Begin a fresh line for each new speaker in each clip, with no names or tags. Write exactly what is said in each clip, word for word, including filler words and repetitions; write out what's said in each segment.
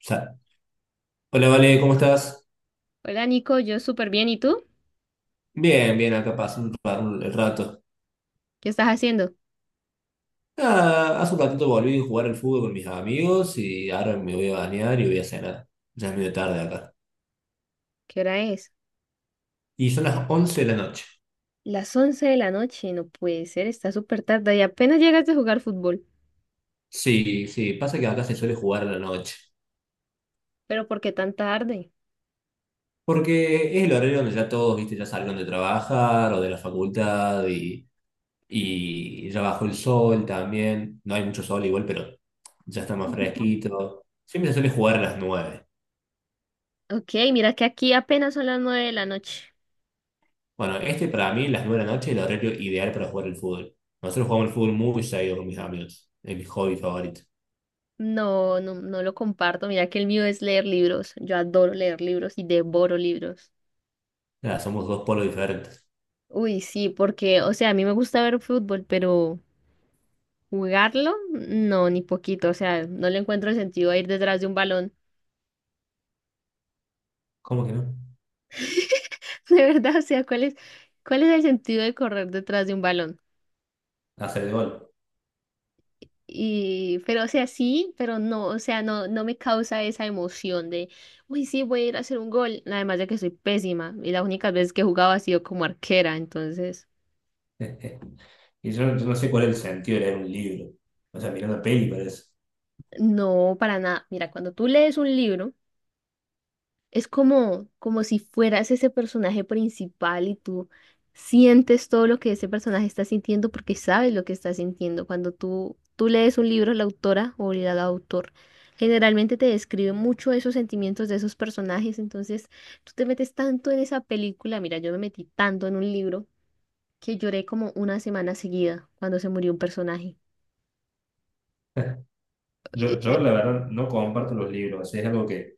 Sa- Hola, Vale, ¿cómo estás?
Hola Nico, yo súper bien. ¿Y tú?
Bien, bien, acá pasé un, ra- un- el rato.
¿Qué estás haciendo?
Ah, hace un ratito volví a jugar al fútbol con mis amigos y ahora me voy a bañar y voy a cenar. Ya es medio tarde acá.
¿Qué hora es?
Y son las once de la noche.
Las once de la noche, no puede ser, está súper tarde y apenas llegas de jugar fútbol.
Sí, sí, pasa que acá se suele jugar a la noche.
¿Pero por qué tan tarde?
Porque es el horario donde ya todos, viste, ya salieron de trabajar o de la facultad y, y ya bajó el sol también. No hay mucho sol igual, pero ya está más fresquito. Siempre se suele jugar a las nueve.
Ok, mira que aquí apenas son las nueve de la noche.
Bueno, este para mí, las nueve de la noche, es el horario ideal para jugar el fútbol. Nosotros jugamos el fútbol muy seguido con mis amigos. Es mi hobby favorito.
No, no, no lo comparto. Mira que el mío es leer libros. Yo adoro leer libros y devoro libros.
Nada, somos dos polos diferentes.
Uy, sí, porque, o sea, a mí me gusta ver fútbol, pero jugarlo, no, ni poquito. O sea, no le encuentro el sentido a ir detrás de un balón.
¿Cómo que no?
De verdad, o sea, ¿cuál es, ¿cuál es el sentido de correr detrás de un balón?
Hacer el gol.
Y, pero, o sea, sí, pero no, o sea, no, no me causa esa emoción de, uy, sí, voy a ir a hacer un gol. Además de que soy pésima y las únicas veces que he jugado ha sido como arquera, entonces,
Y yo, yo no sé cuál es el sentido de leer un libro. O sea, mirar una peli parece.
no, para nada. Mira, cuando tú lees un libro, es como, como si fueras ese personaje principal y tú sientes todo lo que ese personaje está sintiendo porque sabes lo que está sintiendo. Cuando tú, tú lees un libro, la autora o el autor generalmente te describe mucho esos sentimientos de esos personajes. Entonces tú te metes tanto en esa película. Mira, yo me metí tanto en un libro que lloré como una semana seguida cuando se murió un personaje.
Yo,
Eh, eh,
yo, la verdad, no comparto los libros. O sea, es algo que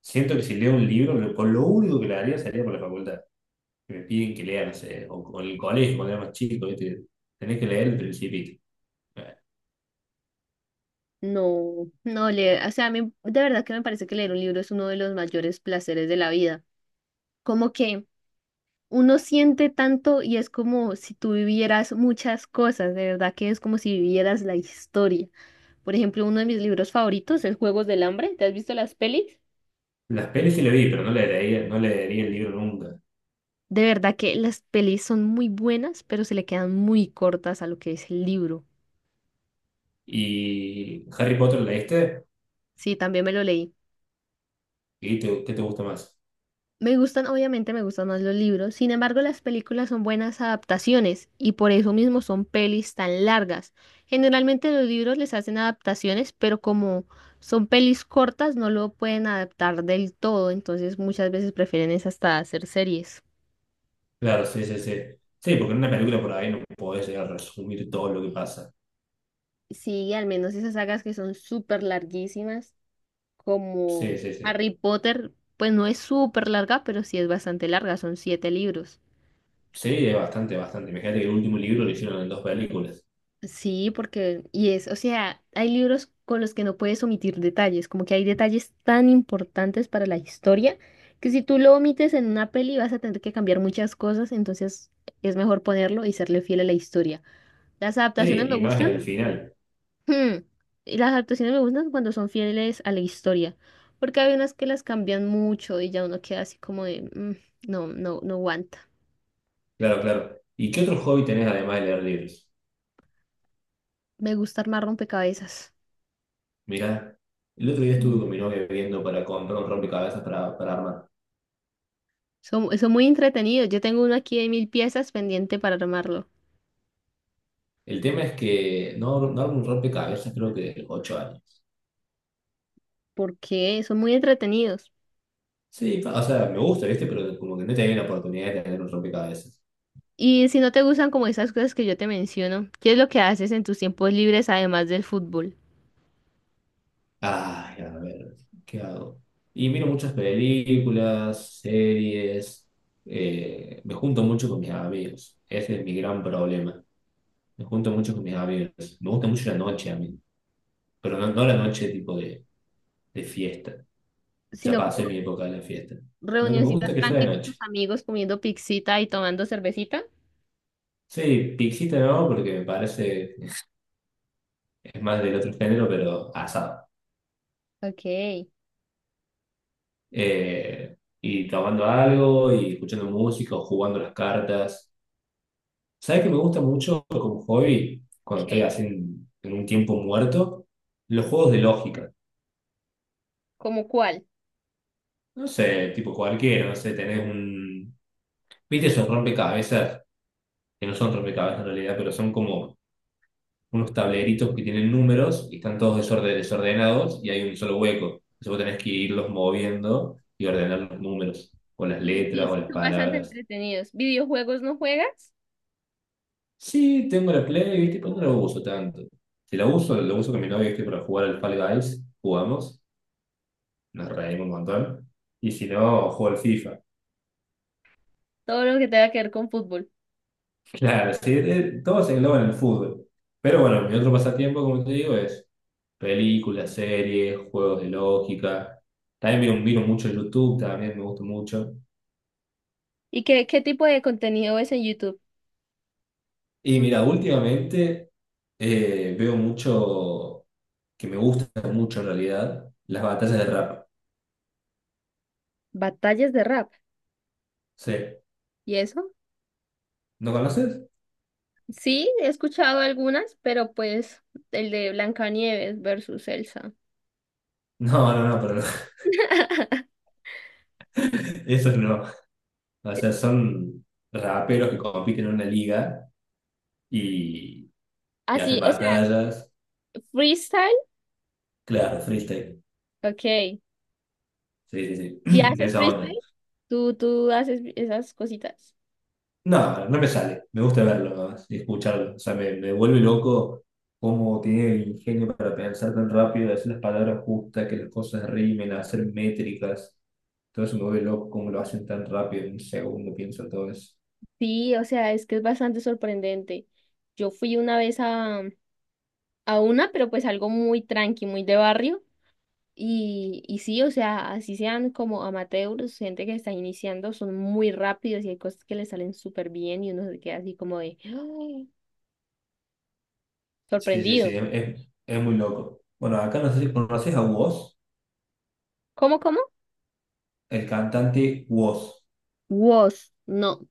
siento que si leo un libro, lo, con lo único que le haría sería por la facultad. Que me piden que lea, no sé, o con el colegio, cuando era más chico, ¿viste? Tenés que leer el Principito.
No, no leer, o sea, a mí de verdad que me parece que leer un libro es uno de los mayores placeres de la vida. Como que uno siente tanto y es como si tú vivieras muchas cosas, de verdad que es como si vivieras la historia. Por ejemplo, uno de mis libros favoritos es Juegos del Hambre. ¿Te has visto las pelis?
Las pelis sí le vi, pero no le leía, no le leería el libro nunca.
De verdad que las pelis son muy buenas, pero se le quedan muy cortas a lo que es el libro.
¿Y Harry Potter la leíste?
Sí, también me lo leí.
¿Y te- qué te gusta más?
Me gustan, obviamente me gustan más los libros, sin embargo las películas son buenas adaptaciones y por eso mismo son pelis tan largas. Generalmente los libros les hacen adaptaciones, pero como son pelis cortas no lo pueden adaptar del todo, entonces muchas veces prefieren es hasta hacer series.
Claro, sí, sí, sí. Sí, porque en una película por ahí no podés llegar a resumir todo lo que pasa.
Sí, al menos esas sagas que son súper larguísimas, como
Sí, sí, sí.
Harry Potter, pues no es súper larga, pero sí es bastante larga, son siete libros.
Sí, es bastante, bastante. Imagínate que el último libro lo hicieron en dos películas.
Sí, porque, y es, o sea, hay libros con los que no puedes omitir detalles, como que hay detalles tan importantes para la historia que si tú lo omites en una peli vas a tener que cambiar muchas cosas, entonces es mejor ponerlo y serle fiel a la historia. Las adaptaciones me
Sí, y más en
gustan.
el final.
Hmm, y las adaptaciones me gustan cuando son fieles a la historia, porque hay unas que las cambian mucho y ya uno queda así como de, "Mm, no, no, no aguanta".
Claro, claro. ¿Y qué otro hobby tenés además de leer libros?
Me gusta armar rompecabezas.
Mirá, el otro día estuve con mi novia viendo para comprar un rompecabezas para, para armar.
Son, son muy entretenidos. Yo tengo uno aquí de mil piezas pendiente para armarlo.
El tema es que no, no armo un rompecabezas creo que de ocho años.
Porque son muy entretenidos.
Sí, pa- o sea, me gusta, ¿viste? Pero como que no he tenido la oportunidad de tener un rompecabezas.
Y si no te gustan como esas cosas que yo te menciono, ¿qué es lo que haces en tus tiempos libres además del fútbol?
Ay, a ver, ¿qué hago? Y miro muchas películas, series, eh, me junto mucho con mis amigos. Ese es mi gran problema. Me junto mucho con mis amigos. Me gusta mucho la noche a mí, pero no, no la noche tipo de, de fiesta. Ya
Sino
pasé
como
mi época de la fiesta. Lo que me gusta
reunioncitas
es que sea
tranqui
de
con
noche.
tus amigos comiendo pixita y tomando cervecita.
Sí, pixita no, porque me parece, es más del otro género, pero asado.
Ok. ¿Qué?
Eh, y tomando algo y escuchando música o jugando las cartas. ¿Sabes que me gusta mucho como hobby cuando estoy así en, en un tiempo muerto? Los juegos de lógica.
¿Cómo cuál?
No sé, tipo cualquiera, no sé, tenés un... ¿Viste esos rompecabezas? Que no son rompecabezas en realidad, pero son como unos tableritos que tienen números y están todos desorde- desordenados y hay un solo hueco. Entonces vos tenés que irlos moviendo y ordenar los números, o las
Sí, sí,
letras, o
sí,
las
son bastante
palabras.
entretenidos. ¿Videojuegos no juegas?
Sí, tengo la Play, ¿viste? Pero no la uso tanto. Si la uso, la uso con mi novia, ¿viste? Para jugar al Fall Guys, jugamos, nos reímos un montón. Y si no, juego al FIFA.
Todo lo que tenga que ver con fútbol.
Claro, sí, eh, todo se engloba en el fútbol. Pero bueno, mi otro pasatiempo, como te digo, es películas, series, juegos de lógica. También miro, miro mucho YouTube, también me gusta mucho.
¿Y qué, ¿qué tipo de contenido ves en YouTube?
Y mira, últimamente eh, veo mucho, que me gusta mucho en realidad, las batallas de rap.
Batallas de rap.
Sí.
¿Y eso?
¿No conoces?
Sí, he escuchado algunas, pero pues el de Blancanieves versus Elsa.
No, no, no, pero no, eso no. O sea, son raperos que compiten en una liga y, y hacen
Así, o sea,
batallas.
freestyle,
Claro, freestyle.
ok.
Sí, sí,
¿Y
sí. De
haces
esa
freestyle?
onda.
¿Tú, tú haces esas cositas?
No, no me sale. Me gusta verlo nomás y escucharlo. O sea, me, me vuelve loco cómo tiene el ingenio para pensar tan rápido, decir las palabras justas, que las cosas rimen, hacer métricas. Todo eso me vuelve loco cómo lo hacen tan rápido en un segundo, pienso todo eso.
Sí, o sea, es que es bastante sorprendente. Yo fui una vez a, a una, pero pues algo muy tranqui, muy de barrio. Y, y sí, o sea, así sean como amateurs, gente que está iniciando, son muy rápidos y hay cosas que les salen súper bien y uno se queda así como de ¡ah!
Sí, sí,
Sorprendido.
sí, es, es- es muy loco. Bueno, acá no sé si conoces a vos.
¿Cómo, cómo?
El cantante Woz.
Was, no.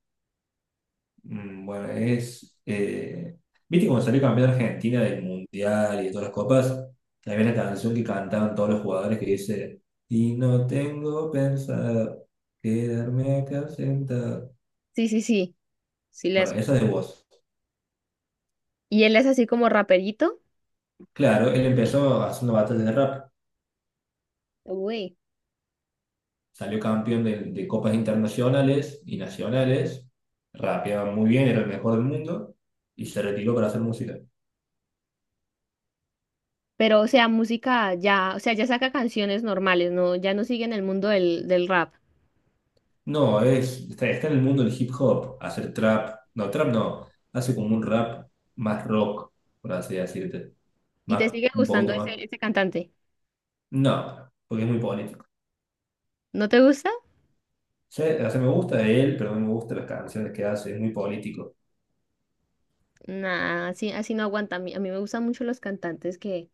Mm, bueno, es. Eh, ¿viste cuando salió campeón Argentina del Mundial y de todas las copas? Había una canción que cantaban todos los jugadores que dice: y no tengo pensado quedarme acá sentado.
Sí, sí, sí. Sí, la
Bueno, esa
escuché.
es de Woz.
Y él es así como raperito.
Claro, él empezó haciendo batallas de rap.
Uy.
Salió campeón de, de copas internacionales y nacionales. Rapeaba muy bien, era el mejor del mundo. Y se retiró para hacer música.
Pero o sea, música ya, o sea, ya saca canciones normales, no, ya no sigue en el mundo del, del rap.
No, es, está, está en el mundo del hip hop, hacer trap. No, trap no. Hace como un rap más rock, por así decirte.
¿Y te
Más,
sigue
un
gustando
poquito más.
ese, ese cantante?
No, porque es muy político.
¿No te gusta?
Sí, o sea, me gusta él, pero no me gustan las canciones que hace, es muy político.
Nah, así, así no aguanta. A mí, a mí me gustan mucho los cantantes que,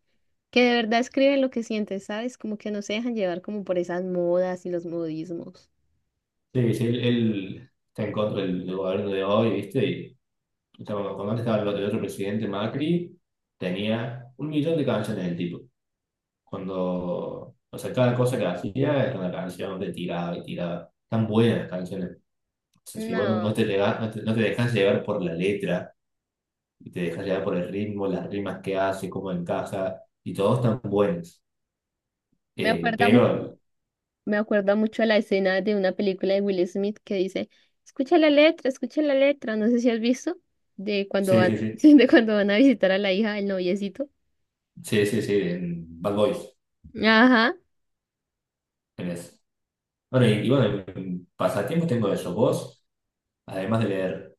que de verdad escriben lo que sienten, ¿sabes? Como que no se dejan llevar como por esas modas y los modismos.
Sí, sí, él, él está en contra del, del gobierno de hoy, ¿viste? Y estaba- cuando antes estaba el otro, el otro presidente Macri, tenía un millón de canciones del tipo. Cuando, o sea, cada cosa que hacía era una canción de tirada y tirada. Tan buenas canciones. O sea, si vos no, no
No,
te, lega- no te, no te dejas llevar por la letra, y te dejas llevar por el ritmo, las rimas que hace, cómo encaja, y todos están buenos.
me
Eh,
acuerda mu-
pero,
me acuerda mucho a la escena de una película de Will Smith que dice, escucha la letra, escucha la letra, no sé si has visto, de cuando
sí,
van,
sí, sí,
sí, de cuando van a visitar a la hija del noviecito.
sí, sí, sí, en Bad Boys,
Ajá.
en eso. Bueno, y, y bueno, en en pasatiempos tengo eso. Vos, además de leer,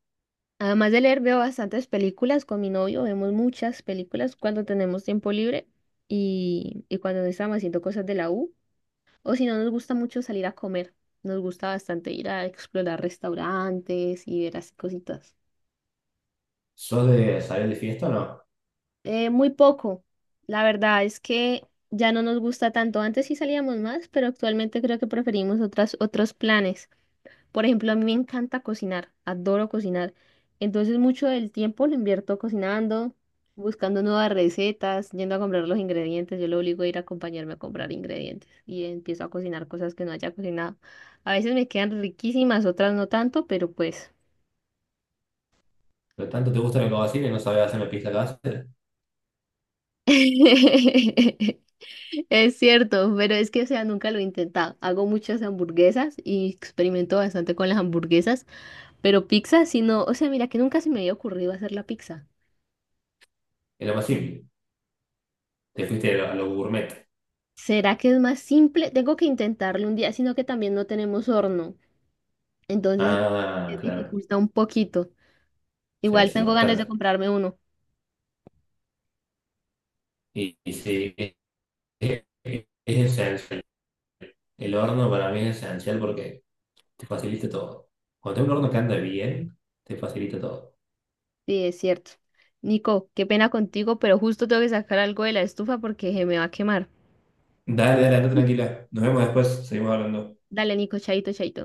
Además de leer, veo bastantes películas con mi novio, vemos muchas películas cuando tenemos tiempo libre y, y cuando no estamos haciendo cosas de la U. O si no, nos gusta mucho salir a comer. Nos gusta bastante ir a explorar restaurantes y ver así cositas.
¿sos de salir de fiesta o no?
Eh, muy poco. La verdad es que ya no nos gusta tanto. Antes sí salíamos más, pero actualmente creo que preferimos otras, otros planes. Por ejemplo, a mí me encanta cocinar, adoro cocinar. Entonces mucho del tiempo lo invierto cocinando, buscando nuevas recetas, yendo a comprar los ingredientes. Yo lo obligo a ir a acompañarme a comprar ingredientes y empiezo a cocinar cosas que no haya cocinado. A veces me quedan riquísimas, otras no tanto, pero pues...
Pero tanto te gusta la cocina y no sabés hacer una pista casera,
Es cierto, pero es que, o sea, nunca lo he intentado. Hago muchas hamburguesas y experimento bastante con las hamburguesas, pero pizza, si no, o sea, mira que nunca se me había ocurrido hacer la pizza.
es lo más simple. Te fuiste a lo, a lo gourmet.
¿Será que es más simple? Tengo que intentarlo un día, sino que también no tenemos horno, entonces se
Ah, claro,
dificulta un poquito.
sí,
Igual
sí,
tengo ganas de
bastante.
comprarme uno.
Y, y sí, es, es, es esencial. El horno para mí es esencial porque te facilita todo. Cuando tengo un horno que anda bien, te facilita todo.
Sí, es cierto. Nico, qué pena contigo, pero justo tengo que sacar algo de la estufa porque se me va a quemar.
Dale, dale, anda tranquila. Nos vemos después, seguimos hablando.
Dale, Nico, chaito, chaito.